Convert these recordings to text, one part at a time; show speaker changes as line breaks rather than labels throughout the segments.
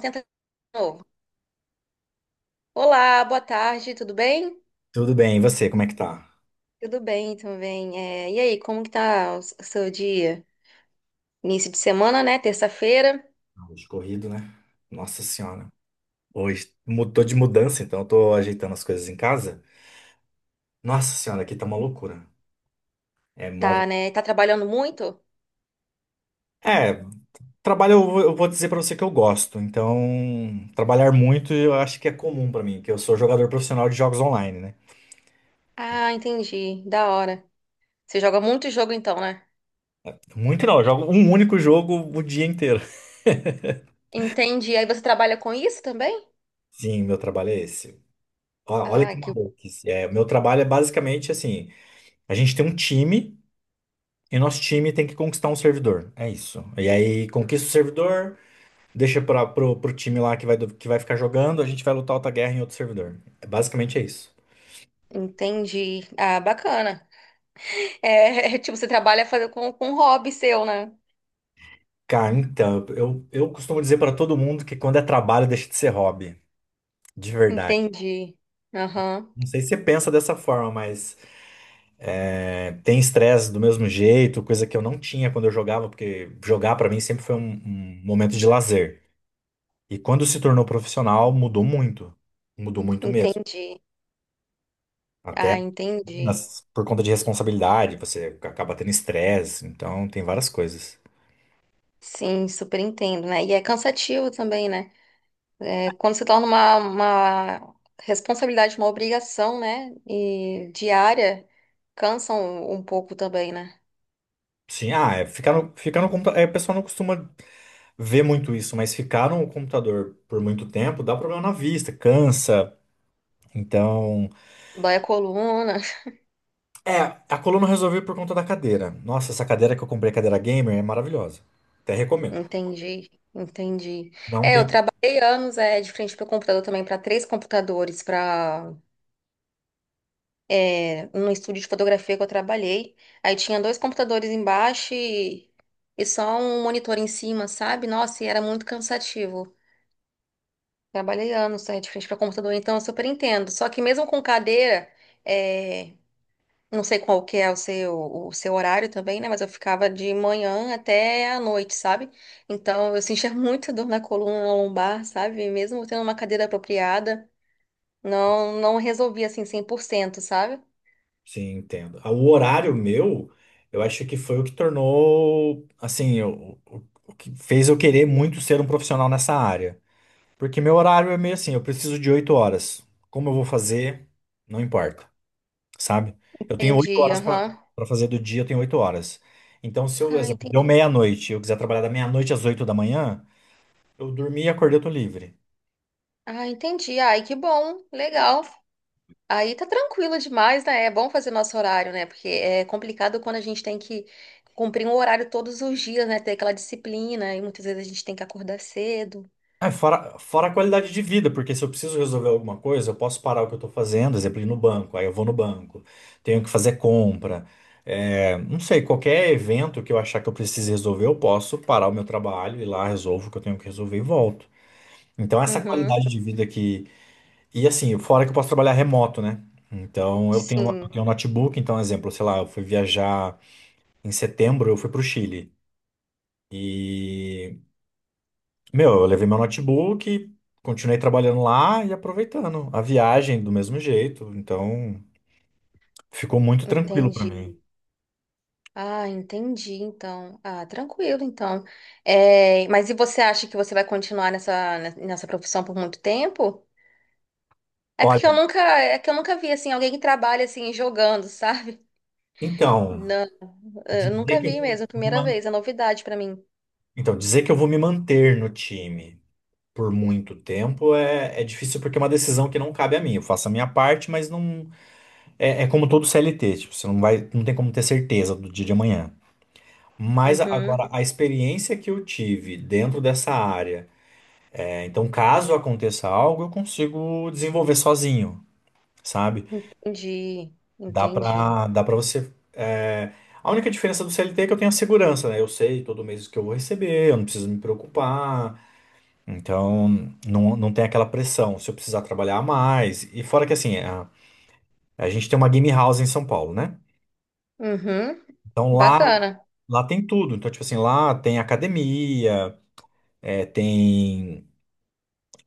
Tenta de novo. Olá, boa tarde, tudo bem?
Tudo bem, e você, como é que tá?
Tudo bem também. É, e aí, como que tá o seu dia? Início de semana, né? Terça-feira.
Hoje corrido, né? Nossa senhora. Hoje tô de mudança, então eu tô ajeitando as coisas em casa. Nossa senhora, aqui tá uma loucura. É móvel.
Tá, né? Tá trabalhando muito?
É, trabalho eu vou dizer pra você que eu gosto. Então, trabalhar muito eu acho que é comum pra mim, que eu sou jogador profissional de jogos online, né?
Ah, entendi. Da hora. Você joga muito jogo então, né?
Muito não, eu jogo um único jogo o dia inteiro.
Entendi. Aí você trabalha com isso também?
Sim, meu trabalho é esse. Ó, olha
Ah,
que
que
maluquice. É, meu trabalho é basicamente assim, a gente tem um time e nosso time tem que conquistar um servidor. É isso. E aí conquista o servidor, deixa pro time lá que vai, que vai ficar jogando, a gente vai lutar outra guerra em outro servidor. É, basicamente é isso.
entendi. Ah, bacana. É, tipo, você trabalha fazer com um hobby seu, né?
Cara, então, eu costumo dizer para todo mundo que quando é trabalho deixa de ser hobby. De verdade.
Entendi. Aham,
Não sei se você pensa dessa forma, mas tem estresse do mesmo jeito, coisa que eu não tinha quando eu jogava, porque jogar para mim sempre foi um momento de lazer. E quando se tornou profissional, mudou muito. Mudou muito mesmo.
entendi.
Até
Ah, entendi.
Mas por conta de responsabilidade, você acaba tendo estresse, então tem várias coisas.
Sim, super entendo, né? E é cansativo também, né? É, quando se torna uma responsabilidade, uma obrigação, né? E diária, cansa um pouco também, né?
Sim, ah, é ficar no computador. É, o pessoal não costuma ver muito isso, mas ficar no computador por muito tempo dá problema na vista, cansa. Então.
Dói a coluna.
É, a coluna eu resolvi por conta da cadeira. Nossa, essa cadeira que eu comprei, cadeira gamer, é maravilhosa. Até recomendo.
Entendi, entendi.
Não
É,
tem.
eu trabalhei anos de frente para o computador também, para três computadores, no estúdio de fotografia que eu trabalhei. Aí tinha dois computadores embaixo e só um monitor em cima, sabe? Nossa, e era muito cansativo. Trabalhei anos aí de frente para computador, então eu super entendo. Só que mesmo com cadeira, é, não sei qual que é o seu, horário também, né? Mas eu ficava de manhã até à noite, sabe? Então eu sentia muita dor na coluna, na lombar, sabe? Mesmo tendo uma cadeira apropriada, não resolvia assim 100%, sabe?
Sim, entendo. O horário meu, eu acho que foi o que tornou, assim, o que fez eu querer muito ser um profissional nessa área. Porque meu horário é meio assim, eu preciso de 8 horas. Como eu vou fazer, não importa, sabe? Eu tenho oito
Entendi,
horas
aham.
para fazer do dia, eu tenho 8 horas. Então, se eu,
Ah,
exemplo, deu
entendi.
meia-noite, eu quiser trabalhar da meia-noite às 8 da manhã, eu dormi e acordei, eu tô livre.
Ah, entendi. Ai, que bom, legal. Aí tá tranquilo demais, né? É bom fazer nosso horário, né? Porque é complicado quando a gente tem que cumprir um horário todos os dias, né? Ter aquela disciplina e muitas vezes a gente tem que acordar cedo.
Ah, fora a qualidade de vida, porque se eu preciso resolver alguma coisa, eu posso parar o que eu tô fazendo, exemplo, ir no banco, aí eu vou no banco, tenho que fazer compra. Não sei, qualquer evento que eu achar que eu precise resolver, eu posso parar o meu trabalho, ir lá, resolvo o que eu tenho que resolver e volto. Então, essa
Uhum.
qualidade de vida que. E assim, fora que eu posso trabalhar remoto, né? Então, eu tenho, eu
Sim,
tenho um notebook. Então, exemplo, sei lá, eu fui viajar em setembro, eu fui pro Chile. E, meu, eu levei meu notebook, continuei trabalhando lá e aproveitando a viagem do mesmo jeito. Então, ficou muito tranquilo para mim.
entendi. Ah, entendi, então. Ah, tranquilo, então. É, mas e você acha que você vai continuar nessa profissão por muito tempo? É porque
Olha,
eu nunca, é que eu nunca vi assim alguém que trabalha assim jogando, sabe?
então,
Não, eu
dizer
nunca
que eu
vi
vou
mesmo,
vou me
primeira
man-
vez, é novidade pra mim.
dizer que eu vou me manter no time por muito tempo é difícil porque é uma decisão que não cabe a mim. Eu faço a minha parte, mas não. É como todo CLT, tipo, você não vai, não tem como ter certeza do dia de amanhã. Mas
Uhum.
agora, a experiência que eu tive dentro dessa área, então caso aconteça algo, eu consigo desenvolver sozinho, sabe?
Entendi,
Dá
entendi.
pra, dá pra você. A única diferença do CLT é que eu tenho a segurança, né? Eu sei todo mês o que eu vou receber, eu não preciso me preocupar. Então, não, não tem aquela pressão se eu precisar trabalhar mais. E fora que assim, a gente tem uma game house em São Paulo, né?
Uhum,
Então lá.
bacana.
Lá tem tudo. Então, tipo assim, lá tem academia, tem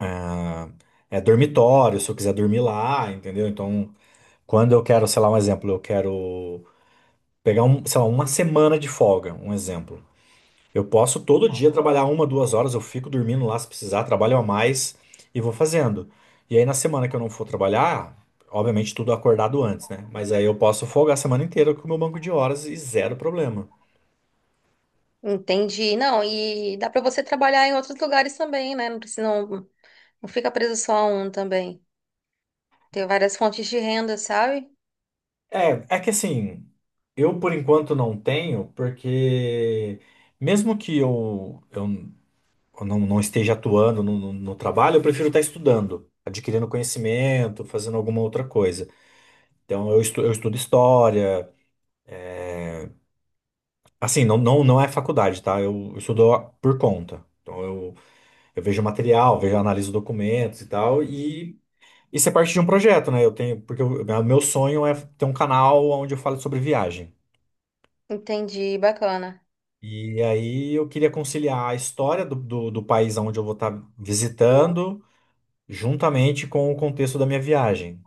ah, dormitório, se eu quiser dormir lá, entendeu? Então, quando eu quero, sei lá, um exemplo, eu quero pegar, um, sei lá, uma semana de folga, um exemplo. Eu posso todo dia trabalhar uma, duas horas, eu fico dormindo lá se precisar, trabalho a mais e vou fazendo. E aí, na semana que eu não for trabalhar, obviamente tudo acordado antes, né? Mas aí eu posso folgar a semana inteira com o meu banco de horas e zero problema.
Entendi. Não, e dá para você trabalhar em outros lugares também, né? Não precisa, não fica preso só a um também. Tem várias fontes de renda, sabe?
É, é que assim, eu por enquanto não tenho, porque mesmo que eu não esteja atuando no trabalho, eu prefiro estar estudando, adquirindo conhecimento, fazendo alguma outra coisa. Então eu estudo história, assim, não é faculdade, tá? Eu estudo por conta. Então eu vejo material, vejo, analiso documentos e tal, e isso é parte de um projeto, né? Eu tenho, porque o meu sonho é ter um canal onde eu falo sobre viagem.
Entendi, bacana.
E aí eu queria conciliar a história do país onde eu vou estar visitando, juntamente com o contexto da minha viagem.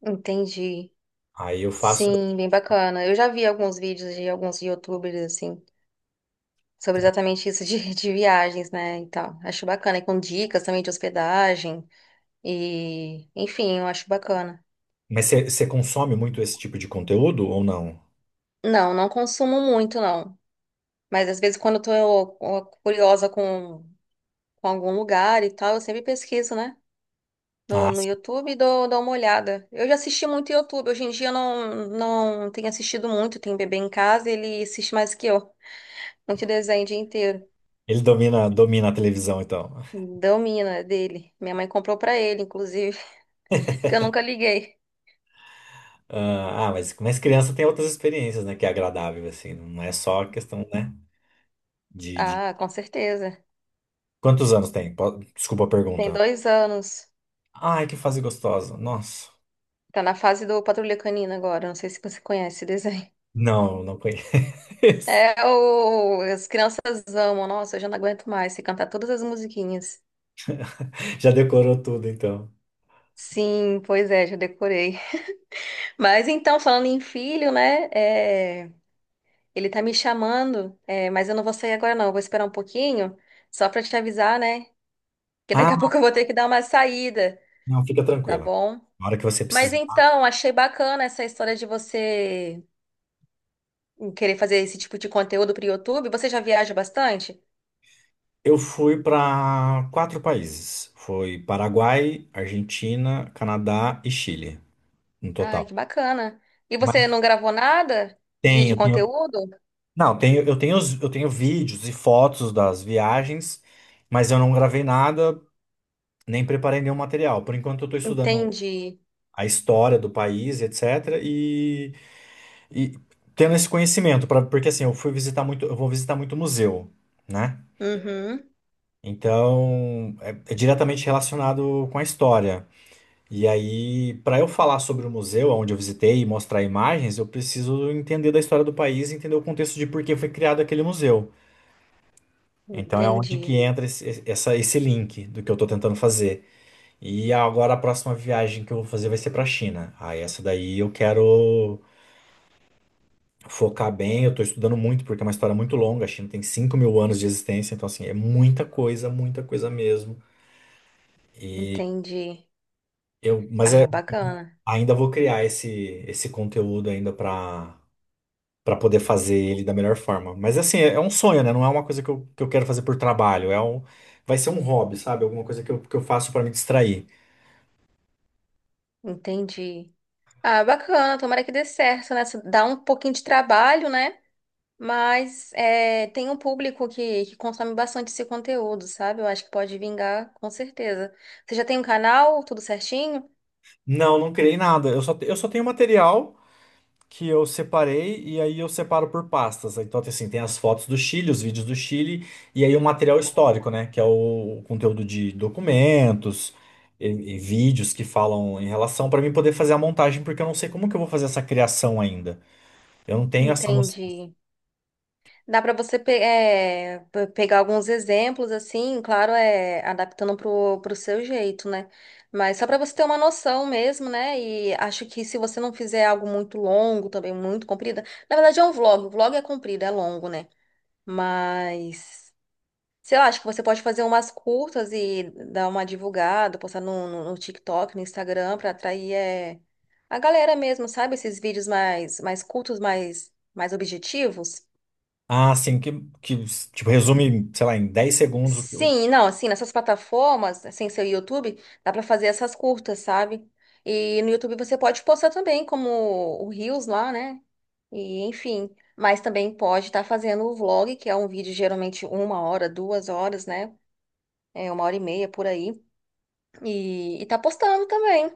Entendi.
Aí eu faço.
Sim, bem bacana. Eu já vi alguns vídeos de alguns YouTubers, assim, sobre exatamente isso de, de viagens, né? E tal. Acho bacana. E com dicas também de hospedagem. E, enfim, eu acho bacana.
Mas você consome muito esse tipo de conteúdo ou não?
Não consumo muito, não. Mas às vezes quando eu tô ó, curiosa com algum lugar e tal, eu sempre pesquiso, né?
Ah,
No
sim.
YouTube e dou uma olhada. Eu já assisti muito YouTube. Hoje em dia eu não tenho assistido muito. Tem bebê em casa e ele assiste mais que eu. Muito desenho o dia inteiro.
Ele domina, domina a televisão, então.
Domina dele. Minha mãe comprou pra ele, inclusive, que eu nunca liguei.
Ah, ah, mas criança tem outras experiências, né? Que é agradável, assim. Não é só questão, né? De.
Ah, com certeza.
Quantos anos tem? Desculpa a
Tem
pergunta.
2 anos.
Ai, que fase gostosa. Nossa.
Tá na fase do Patrulha Canina agora. Não sei se você conhece esse desenho.
Não, não conheço.
É, as crianças amam. Nossa, eu já não aguento mais se cantar todas as musiquinhas.
Já decorou tudo, então.
Sim, pois é, já decorei. Mas então, falando em filho, né? Ele tá me chamando, mas eu não vou sair agora, não. Eu vou esperar um pouquinho, só pra te avisar, né? Que
Ah,
daqui a pouco eu vou ter que dar uma saída,
não, fica
tá
tranquila.
bom?
Na hora que você
Mas
precisar.
então, achei bacana essa história de você querer fazer esse tipo de conteúdo pro YouTube. Você já viaja bastante?
Eu fui para quatro países. Foi Paraguai, Argentina, Canadá e Chile, no
Ai,
total.
que bacana. E você
Mas
não gravou nada de
tenho,
conteúdo?
não, tenho, eu tenho, os- eu tenho vídeos e fotos das viagens, mas eu não gravei nada, nem preparei nenhum material. Por enquanto eu estou estudando
Entendi.
a história do país, etc. E tendo esse conhecimento, pra, porque assim, eu fui visitar muito, eu vou visitar muito museu, né?
Uhum.
Então, é diretamente relacionado com a história. E aí, para eu falar sobre o museu onde eu visitei e mostrar imagens, eu preciso entender da história do país, e entender o contexto de por que foi criado aquele museu. Então é onde que
Entendi.
entra esse link do que eu estou tentando fazer. E agora a próxima viagem que eu vou fazer vai ser para a China. Ah, essa daí eu quero focar bem. Eu estou estudando muito porque é uma história muito longa. A China tem 5.000 anos de existência, então assim é muita coisa mesmo. E
Entendi.
mas
Ah, bacana.
ainda vou criar esse conteúdo ainda para Pra poder fazer ele da melhor forma. Mas assim, é um sonho, né? Não é uma coisa que eu quero fazer por trabalho. É um, vai ser um hobby, sabe? Alguma coisa que eu faço pra me distrair.
Entendi. Ah, bacana. Tomara que dê certo, né? Dá um pouquinho de trabalho, né? Mas é, tem um público que consome bastante esse conteúdo, sabe? Eu acho que pode vingar, com certeza. Você já tem um canal, tudo certinho?
Não, não criei nada. Eu só tenho material que eu separei e aí eu separo por pastas. Então, assim, tem as fotos do Chile, os vídeos do Chile e aí o material histórico, né? Que é o conteúdo de documentos e vídeos que falam em relação para mim poder fazer a montagem, porque eu não sei como que eu vou fazer essa criação ainda. Eu não tenho essa noção.
Entendi. Dá para você pegar alguns exemplos, assim, claro, é adaptando pro seu jeito, né? Mas só para você ter uma noção mesmo, né? E acho que se você não fizer algo muito longo também, muito comprido, na verdade é um vlog, o vlog é comprido, é longo, né? Mas, sei lá, acho que você pode fazer umas curtas e dar uma divulgada, postar no TikTok, no Instagram, para atrair a galera mesmo, sabe? Esses vídeos mais curtos, mais objetivos.
Ah, sim, que tipo, resume, sei lá, em 10 segundos o que eu.
Sim, não, assim, nessas plataformas, sem ser o YouTube, dá pra fazer essas curtas, sabe? E no YouTube você pode postar também, como o Reels lá, né? E enfim, mas também pode estar fazendo o vlog, que é um vídeo geralmente 1 hora, 2 horas, né? É 1 hora e meia por aí. E tá postando também.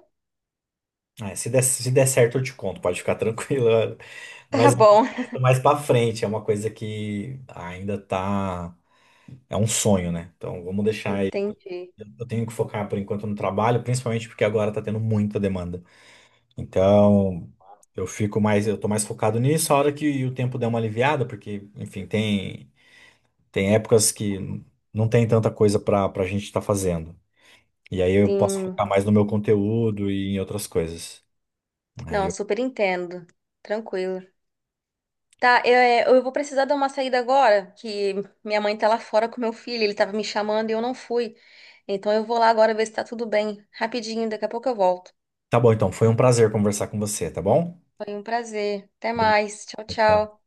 Ah, se der certo, eu te conto, pode ficar tranquilo.
Tá
Mas é um
bom.
projeto mais pra frente, é uma coisa que ainda tá. É um sonho, né? Então vamos deixar aí. Eu
Entendi.
eu tenho que focar por enquanto no trabalho, principalmente porque agora tá tendo muita demanda. Então eu fico mais, eu tô mais focado nisso, a hora que o tempo der uma aliviada, porque, enfim, tem épocas que não tem tanta coisa pra gente estar fazendo. E aí eu posso
Sim.
focar mais no meu conteúdo e em outras coisas. Aí
Não,
eu...
super entendo. Tranquilo. Tá, eu vou precisar dar uma saída agora, que minha mãe tá lá fora com meu filho, ele tava me chamando e eu não fui. Então eu vou lá agora ver se tá tudo bem. Rapidinho, daqui a pouco eu volto.
Tá bom, então. Foi um prazer conversar com você, tá bom?
Foi um prazer. Até
Obrigado.
mais. Tchau,
Tchau.
tchau.